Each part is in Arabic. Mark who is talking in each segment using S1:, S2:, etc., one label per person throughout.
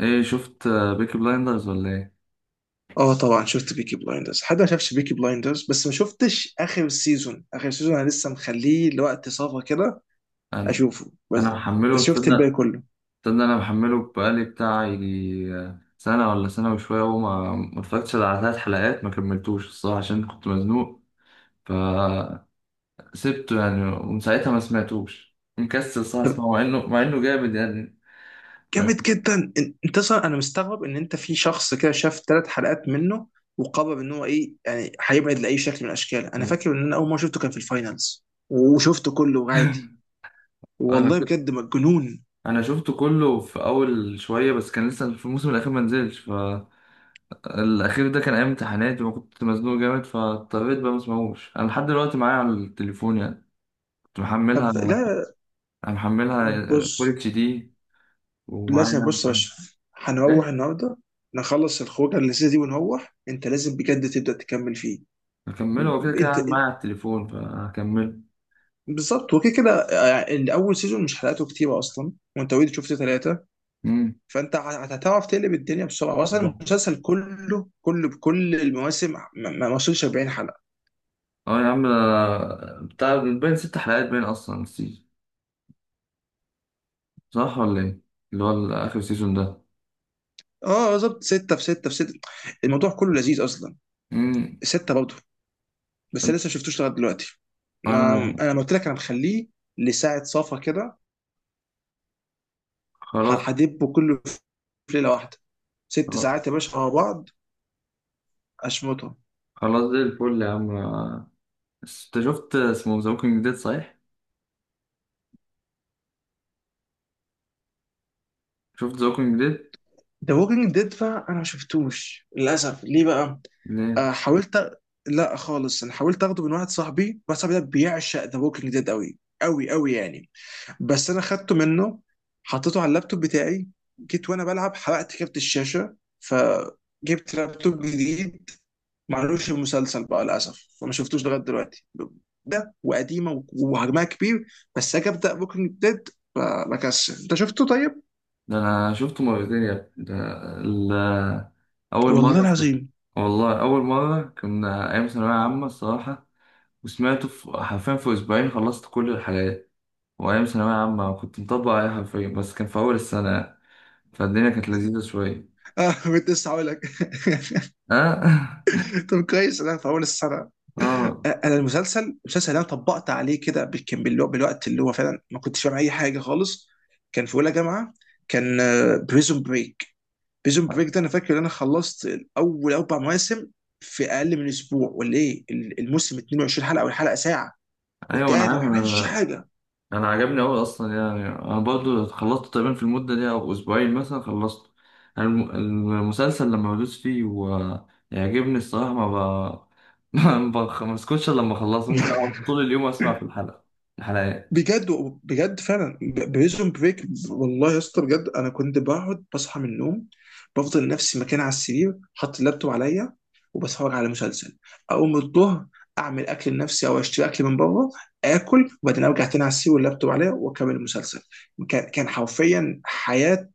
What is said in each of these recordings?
S1: ايه شفت بيكي بلايندرز ولا ايه؟
S2: اه طبعا شفت بيكي بلايندرز حد ما شافش بيكي بلايندرز بس ما شفتش اخر سيزون انا لسه مخليه لوقت صفا كده
S1: انا
S2: اشوفه
S1: انا
S2: بس.
S1: محمله
S2: شفت الباقي
S1: تصدق،
S2: كله.
S1: تصدق انا محمله بقالي بتاع يجي سنه ولا سنه وشويه، وما ما اتفرجتش إلا على 3 حلقات. ما كملتوش الصراحه عشان كنت مزنوق، فسبته يعني. ومن ساعتها ما سمعتوش، مكسل الصراحه
S2: طب
S1: اسمعه، مع انه جامد يعني.
S2: جامد جدا، انت اصلا انا مستغرب ان انت في شخص كده شاف ثلاث حلقات منه وقرر ان هو ايه، يعني هيبعد لاي شكل من الاشكال. انا فاكر ان انا اول ما شفته كان في الفاينلز وشفته كله عادي.
S1: انا
S2: والله بجد مجنون.
S1: انا شفته كله في اول شويه، بس كان لسه في الموسم الاخير ما نزلش. الأخير ده كان أيام امتحاناتي وكنت مزنوق جامد، فاضطريت بقى مسمعوش. أنا لحد دلوقتي معايا على التليفون يعني، كنت
S2: طب
S1: محملها أنا،
S2: لا،
S1: محملها
S2: بص،
S1: فول اتش دي
S2: لازم،
S1: ومعايا.
S2: بص يا اشرف هنروح
S1: إيه؟
S2: النهارده نخلص الخروجه اللذيذه دي ونروح، انت لازم بجد تبدا تكمل فيه.
S1: هكمله هو كده
S2: م-
S1: كده
S2: انت
S1: قاعد
S2: إن-
S1: معايا على التليفون فهكمله.
S2: بالظبط، وكده كده يعني اول سيزون مش حلقاته كتيره اصلا، وانت اوريدي شفت ثلاثه.
S1: أمم.
S2: فانت هتعرف تقلب الدنيا بسرعه. اصلا
S1: الله.
S2: المسلسل كله بكل المواسم ما وصلش 40 حلقه.
S1: أه يا عم، أنا بتاع باين 6 حلقات، باين أصلا السيزون، صح ولا إيه؟ اللي هو آخر سيزون ده.
S2: اه بالظبط، سته في سته في سته، الموضوع كله لذيذ اصلا.
S1: أمم.
S2: سته برضه، بس أنا لسه ما شفتوش لغايه دلوقتي. ما
S1: أنا
S2: انا لما قلت لك انا مخليه لساعه صفا كده،
S1: خلاص.
S2: هدبه كله في ليله واحده. 6 ساعات يا باشا مع بعض اشمطهم.
S1: خلاص زي الفل يا عم، أنت شفت اسمه ذا ووكينج ديد صحيح؟ شفت ذا ووكينج ديد؟
S2: ذا ووكينج ديد بقى انا ما شفتوش للاسف. ليه بقى؟
S1: ليه؟
S2: آه حاولت أ- لا خالص، انا حاولت اخده من واحد صاحبي. واحد صاحبي ده بيعشق ذا ووكينج ديد قوي قوي قوي يعني، بس انا خدته منه، حطيته على اللابتوب بتاعي، جيت وانا بلعب حرقت كارت الشاشه، فجبت لابتوب جديد ما عملوش مسلسل بقى للاسف، فما شفتوش لغايه دلوقتي. ده وقديمه وحجمها كبير، بس اجي ابدا ممكن ديد بكسل. انت شفته طيب؟
S1: ده أنا شفته مرتين يا ابني ده. ال- أول
S2: والله
S1: مرة في...
S2: العظيم.
S1: والله أول مرة كنا أيام ثانوية عامة الصراحة، وسمعته في حرفيا في أسبوعين خلصت كل الحلقات. وأيام ثانوية عامة كنت مطبق عليها حرفيا، بس كان في أول السنة فالدنيا كانت لذيذة شوية.
S2: اه، كنت لسه هقول لك.
S1: أه.
S2: طب كويس، انا في اول السنه.
S1: آه.
S2: انا المسلسل اللي انا طبقت عليه كده، كان بالوقت اللي هو فعلا ما كنتش فاهم اي حاجه خالص. كان في اولى جامعه. كان بريزون بريك بريزون بريك. ده انا فاكر ان انا خلصت اول اربع مواسم في اقل من اسبوع ولا ايه. الموسم 22 حلقه والحلقه ساعه، كنت
S1: أيوة أنا
S2: قاعد ما
S1: عارف،
S2: بعملش حاجه.
S1: انا عجبني اوي اصلا. يعني انا برضو خلصت تقريبا في المده دي، او اسبوعين مثلا خلصت. المسلسل لما بدوس فيه ويعجبني الصراحه ما ب... ما بسكتش إلا لما اخلصه، ممكن اقعد طول اليوم اسمع في الحلقات.
S2: بجد، بجد فعلا بريزون بريك. والله يا اسطى بجد انا كنت بقعد بصحى من النوم، بفضل نفسي مكان على السرير حاطط اللابتوب عليا وبتفرج على مسلسل، اقوم الظهر اعمل اكل لنفسي او اشتري اكل من بره، اكل وبعدين ارجع تاني على السرير واللابتوب عليا واكمل المسلسل. كان حرفيا حياه.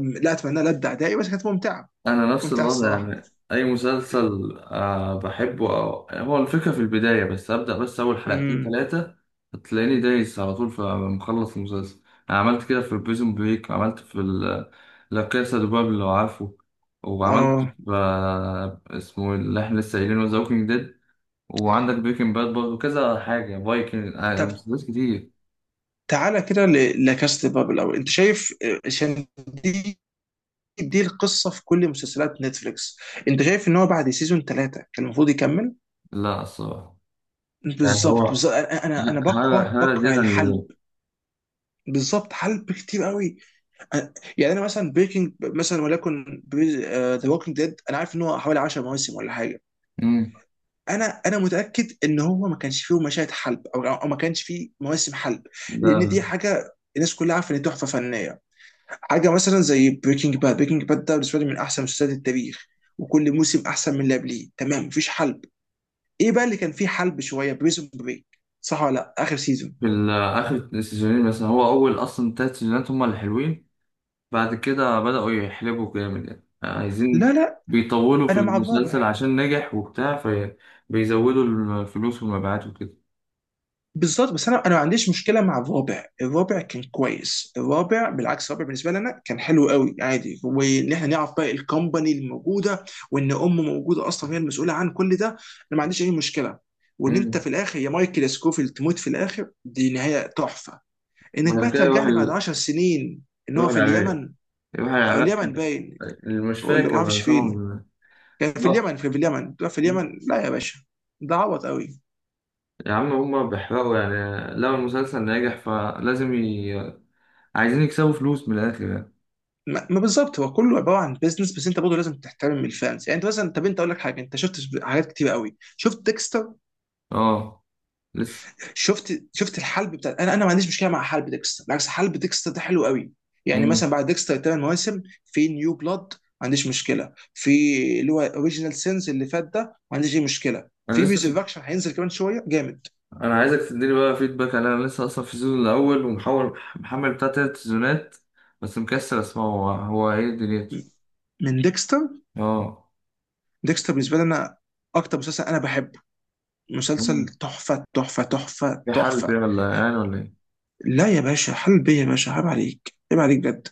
S2: لا اتمنى لا ابدع داعي بس كانت ممتعه.
S1: انا
S2: كانت
S1: نفس
S2: ممتعه
S1: الوضع،
S2: الصراحه.
S1: يعني اي مسلسل آه بحبه، أو يعني هو الفكره في البدايه، بس ابدا بس اول حلقتين
S2: امم
S1: ثلاثه هتلاقيني دايس على طول فمخلص المسلسل. انا عملت كده في بريزون بريك، وعملت في لا كاسا دي بابل لو عارفه، وعملت
S2: اه
S1: في اسمه إيه اللي احنا لسه قايلينه، ذا ووكينج ديد، وعندك بريكنج باد برضه كذا حاجه، فايكنج، آه،
S2: طب
S1: مسلسلات كتير.
S2: تعالى كده لكاست بابل، او انت شايف، عشان دي، القصه في كل مسلسلات نتفليكس، انت شايف ان هو بعد سيزون ثلاثه كان المفروض يكمل؟
S1: لا الصراحه يعني
S2: بالظبط
S1: هو
S2: بالظبط انا انا أنا
S1: هلا
S2: بكره
S1: هلا
S2: بكره
S1: زياده عن
S2: الحلب.
S1: اللزوم.
S2: بالظبط، حلب كتير قوي. أنا- يعني انا مثلا بريكنج مثلا، ولكن ذا ووكينج ديد انا عارف ان هو حوالي 10 مواسم ولا حاجه. انا متاكد ان هو ما كانش فيه مشاهد حلب، او ما كانش فيه مواسم حلب، لان
S1: مم.
S2: دي حاجه الناس كلها عارفه ان دي تحفه فنيه. حاجه مثلا زي بريكنج باد ده بالنسبه لي من احسن مسلسلات التاريخ، وكل موسم احسن من اللي قبليه، تمام، مفيش حلب. ايه بقى اللي كان فيه حلب شويه؟ بريزون بريك. صح ولا لا؟ اخر سيزون.
S1: في آخر السيزونين مثلا، هو أول أصلا 3 سيزونات هما اللي حلوين، بعد كده بدأوا يحلبوا جامد، يعني عايزين
S2: لا لا،
S1: بيطولوا في
S2: انا مع
S1: المسلسل
S2: الرابع.
S1: عشان نجح وبتاع، فبيزودوا الفلوس والمبيعات وكده.
S2: بالظبط، بس انا ما عنديش مشكله مع الرابع، الرابع كان كويس، الرابع بالعكس، الرابع بالنسبه لنا كان حلو قوي عادي، وان احنا نعرف بقى الكومباني الموجوده، وان ام موجوده اصلا هي المسؤوله عن كل ده. انا ما عنديش اي مشكله. وان انت
S1: مم.
S2: في الاخر يا مايكل يا سكوفيلد تموت في الاخر، دي نهايه تحفه. انك بقى
S1: بعد كده يروح
S2: ترجعني بعد
S1: ال...
S2: 10 سنين ان هو
S1: يروح
S2: في
S1: العراق.
S2: اليمن،
S1: يروح
S2: او
S1: العراق
S2: اليمن
S1: كان-
S2: باين،
S1: يعني مش
S2: ولا ما
S1: فاكر
S2: اعرفش
S1: بقى
S2: فين،
S1: طبعا.
S2: كان في
S1: لا.
S2: اليمن، في في اليمن في
S1: مم.
S2: اليمن لا يا باشا، ده عبط قوي.
S1: يا عم هما بيحرقوا يعني، لو المسلسل ناجح فلازم ي... عايزين يكسبوا فلوس من الآخر يعني.
S2: ما ما بالظبط هو كله عباره عن بيزنس، بس انت برضه لازم تحترم الفانز. يعني انت مثلا، طب انت اقول لك حاجه، انت شفت حاجات كتير قوي. شفت ديكستر؟
S1: اه لسه.
S2: شفت الحلب بتاع، انا ما عنديش مشكله مع حلب ديكستر، بالعكس حلب ديكستر ده حلو قوي. يعني
S1: مم.
S2: مثلا بعد ديكستر ثمان مواسم في نيو بلاد، ما عنديش مشكله في اللي هو اوريجينال سينز اللي فات ده، ما عنديش اي مشكله
S1: انا
S2: في
S1: لسه،
S2: ريزركشن هينزل، كمان شويه جامد
S1: انا عايزك تديني بقى فيدباك على، انا لسه اصلا في السيزون الاول، ومحاول محمل بتاع 3 سيزونات، بس مكسل اسمعه هو ايه دنيته.
S2: من ديكستر.
S1: اه.
S2: ديكستر بالنسبه لي انا اكتر مسلسل انا بحبه، مسلسل
S1: مم.
S2: تحفه تحفه تحفه
S1: في حل بيه
S2: تحفه.
S1: ولا يعني ولا ايه؟
S2: لا يا باشا، حل بيا يا باشا، عيب عليك، عيب عليك بجد.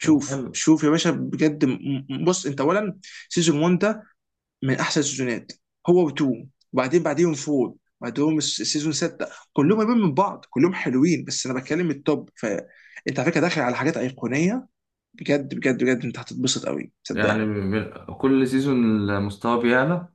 S1: طب حلو.
S2: شوف يا باشا بجد، بص، انت اولا سيزون 1 ده من احسن السيزونات، هو و2، وبعدين بعديهم 4، بعدهم السيزون 6، كلهم قريبين من بعض، كلهم حلوين، بس انا بتكلم التوب. فانت على فكره داخل على حاجات ايقونيه، بجد بجد بجد، انت هتتبسط قوي
S1: يعني
S2: صدقني.
S1: من- كل سيزون المستوى بيعلى.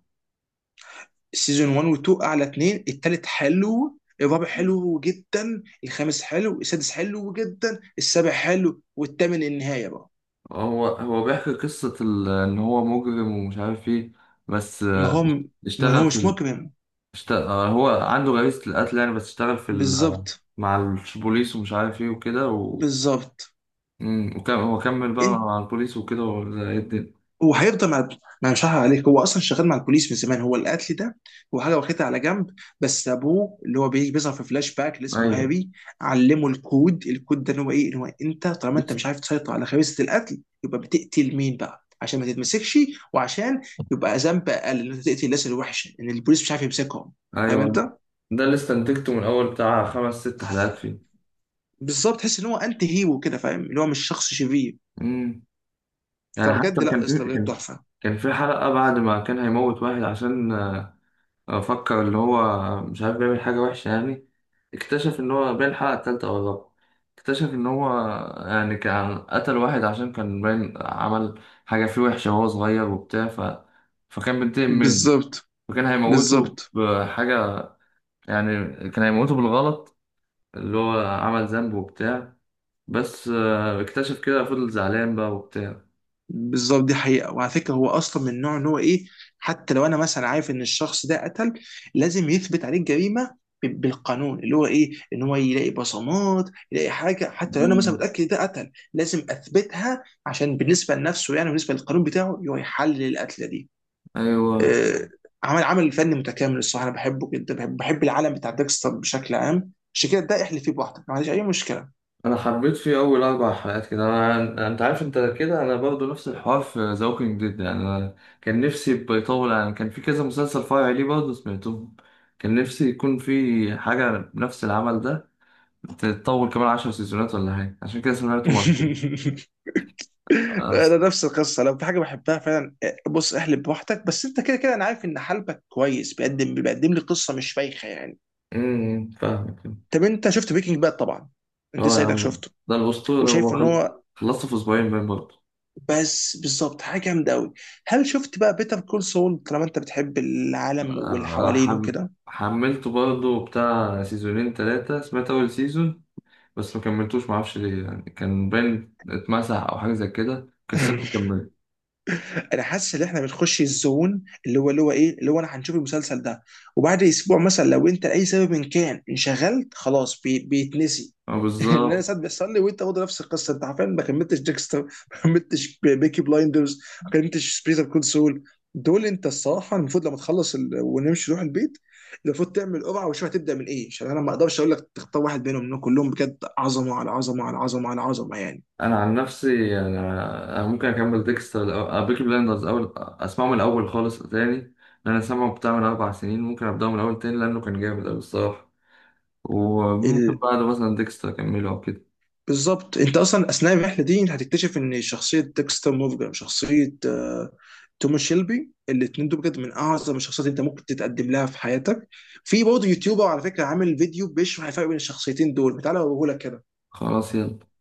S2: السيزون 1 و2 اعلى اتنين، التالت حلو، الرابع
S1: مم.
S2: حلو جدا، الخامس حلو، السادس حلو جدا، السابع حلو، والثامن النهايه بقى.
S1: هو بيحكي قصة إن هو مجرم ومش عارف إيه، بس
S2: ما هو ما هو
S1: اشتغل في
S2: مش
S1: ال...
S2: مجرم.
S1: اشتغل، هو عنده غريزة القتل يعني، بس اشتغل في ال...
S2: بالظبط
S1: مع البوليس ومش عارف إيه وكده.
S2: بالظبط
S1: امم، وكم هو كمل بقى
S2: انت،
S1: مع البوليس وكده ولا ايه الدنيا؟
S2: هو هيفضل مع، انا مش هحرق عليك، هو اصلا شغال مع البوليس من زمان، هو القتل ده هو حاجه واخدها على جنب، بس ابوه اللي هو بيجي بيظهر في فلاش باك اللي اسمه
S1: ايوه.
S2: هاري، علمه الكود ده ان هو ايه، ان هو انت طالما انت مش عارف تسيطر على خبيثه القتل، يبقى بتقتل مين بقى عشان ما تتمسكش، وعشان يبقى ذنب اقل ان انت تقتل الناس الوحشه ان البوليس مش عارف يمسكهم. فاهم
S1: ايوه.
S2: انت؟
S1: ده اللي استنتجته من اول بتاع 5 أو 6 حلقات فيه.
S2: بالظبط، تحس ان هو انت هيرو كده، فاهم اللي هو مش شخص شرير.
S1: امم. يعني حتى
S2: فبجد لا يا اسطى بجد تحفه.
S1: كان في حلقة بعد ما كان هيموت واحد عشان فكر اللي هو مش عارف بيعمل حاجة وحشة يعني. اكتشف ان هو باين الحلقة التالتة او الرابعة، اكتشف ان هو يعني كان قتل واحد عشان كان باين عمل حاجة فيه وحشة وهو صغير وبتاع ف... فكان بينتقم منه،
S2: بالظبط
S1: فكان هيموته
S2: بالظبط
S1: بحاجة، يعني كان هيموته بالغلط اللي هو عمل ذنب وبتاع. بس اكتشف كده، فضل زعلان بقى وبتاع.
S2: بالظبط دي حقيقه، وعلى فكره هو اصلا من النوع ان هو ايه، حتى لو انا مثلا عارف ان الشخص ده قتل، لازم يثبت عليه الجريمه بالقانون، اللي هو ايه ان هو يلاقي بصمات، يلاقي حاجه، حتى لو انا مثلا
S1: مم.
S2: متاكد ده قتل لازم اثبتها، عشان بالنسبه لنفسه يعني، بالنسبه للقانون بتاعه، هو يحلل القتله دي.
S1: ايوه.
S2: آه، عمل فني متكامل الصراحه. انا بحبه جدا، بحب العالم بتاع ديكستر بشكل عام، عشان كده ده احلف فيه بوحدك ما عنديش اي مشكله.
S1: انا حبيت فيه اول 4 حلقات كده، انا انت عارف انت كده، انا برضو نفس الحوار في ذا ووكينج ديد يعني. أنا كان نفسي يبقى يطول، يعني كان في كذا مسلسل فرعي ليه برضه سمعتهم، كان نفسي يكون في حاجة نفس العمل ده تتطول كمان 10 سيزونات ولا حاجة، عشان كده سمعته مرة.
S2: انا نفس القصه، لو في حاجه بحبها فعلا، بص احلب بوحدك، بس انت كده كده انا عارف ان حلبك كويس، بيقدم لي قصه مش بايخه يعني.
S1: أمم، فاهمك.
S2: طب انت شفت بريكنج باد طبعا؟ انت
S1: اه يا
S2: سيدك
S1: عم،
S2: شفته.
S1: ده الأسطورة
S2: وشايف
S1: هو
S2: ان هو،
S1: خلصته في أسبوعين باين برضه.
S2: بس بالظبط حاجه جامده قوي. هل شفت بقى بيتر كول سول؟ طالما انت بتحب العالم واللي
S1: آه،
S2: حوالينه
S1: حم...
S2: وكده.
S1: حملته برضه بتاع سيزونين تلاتة، سمعت أول سيزون بس ما كملتوش معرفش ليه، يعني كان باين اتمسح أو حاجة زي كده، كسلت كملت.
S2: انا حاسس ان احنا بنخش الزون اللي هو انا هنشوف المسلسل ده، وبعد اسبوع مثلا لو انت لاي سبب إن كان انشغلت، خلاص بيتنسي.
S1: اه
S2: ان انا
S1: بالظبط.
S2: ساعات بيحصل لي، وانت برضه نفس القصه، انت حرفيا ما كملتش ديكستر، ما كملتش بيكي بلايندرز، ما كملتش سبيس اوف كونسول. دول انت الصراحه المفروض لما تخلص ونمشي نروح البيت، المفروض تعمل قرعه وشوف هتبدا من ايه، عشان انا ما اقدرش اقول لك تختار واحد بينهم لانهم كلهم بجد عظمه على عظمه على عظمه على عظمه يعني.
S1: أنا عن نفسي يعني أنا ممكن أكمل ديكستر أو بيكي بلاندرز، أول أسمعه من الأول خالص تاني، أنا سامعه بتاع من 4 سنين، ممكن أبدأه من الأول تاني لأنه كان جامد أوي الصراحة، وممكن بعده مثلا ديكستر أكمله أو كده.
S2: بالظبط، انت اصلا اثناء الرحله دي انت هتكتشف ان شخصيه ديكستر مورجان، شخصيه توماس شيلبي، الاثنين دول بجد من اعظم الشخصيات اللي انت ممكن تتقدم لها في حياتك. في برضه يوتيوبر على فكره عامل فيديو بيشرح الفرق بين الشخصيتين دول، تعالى اوريه لك كده.
S1: خلاص يلا.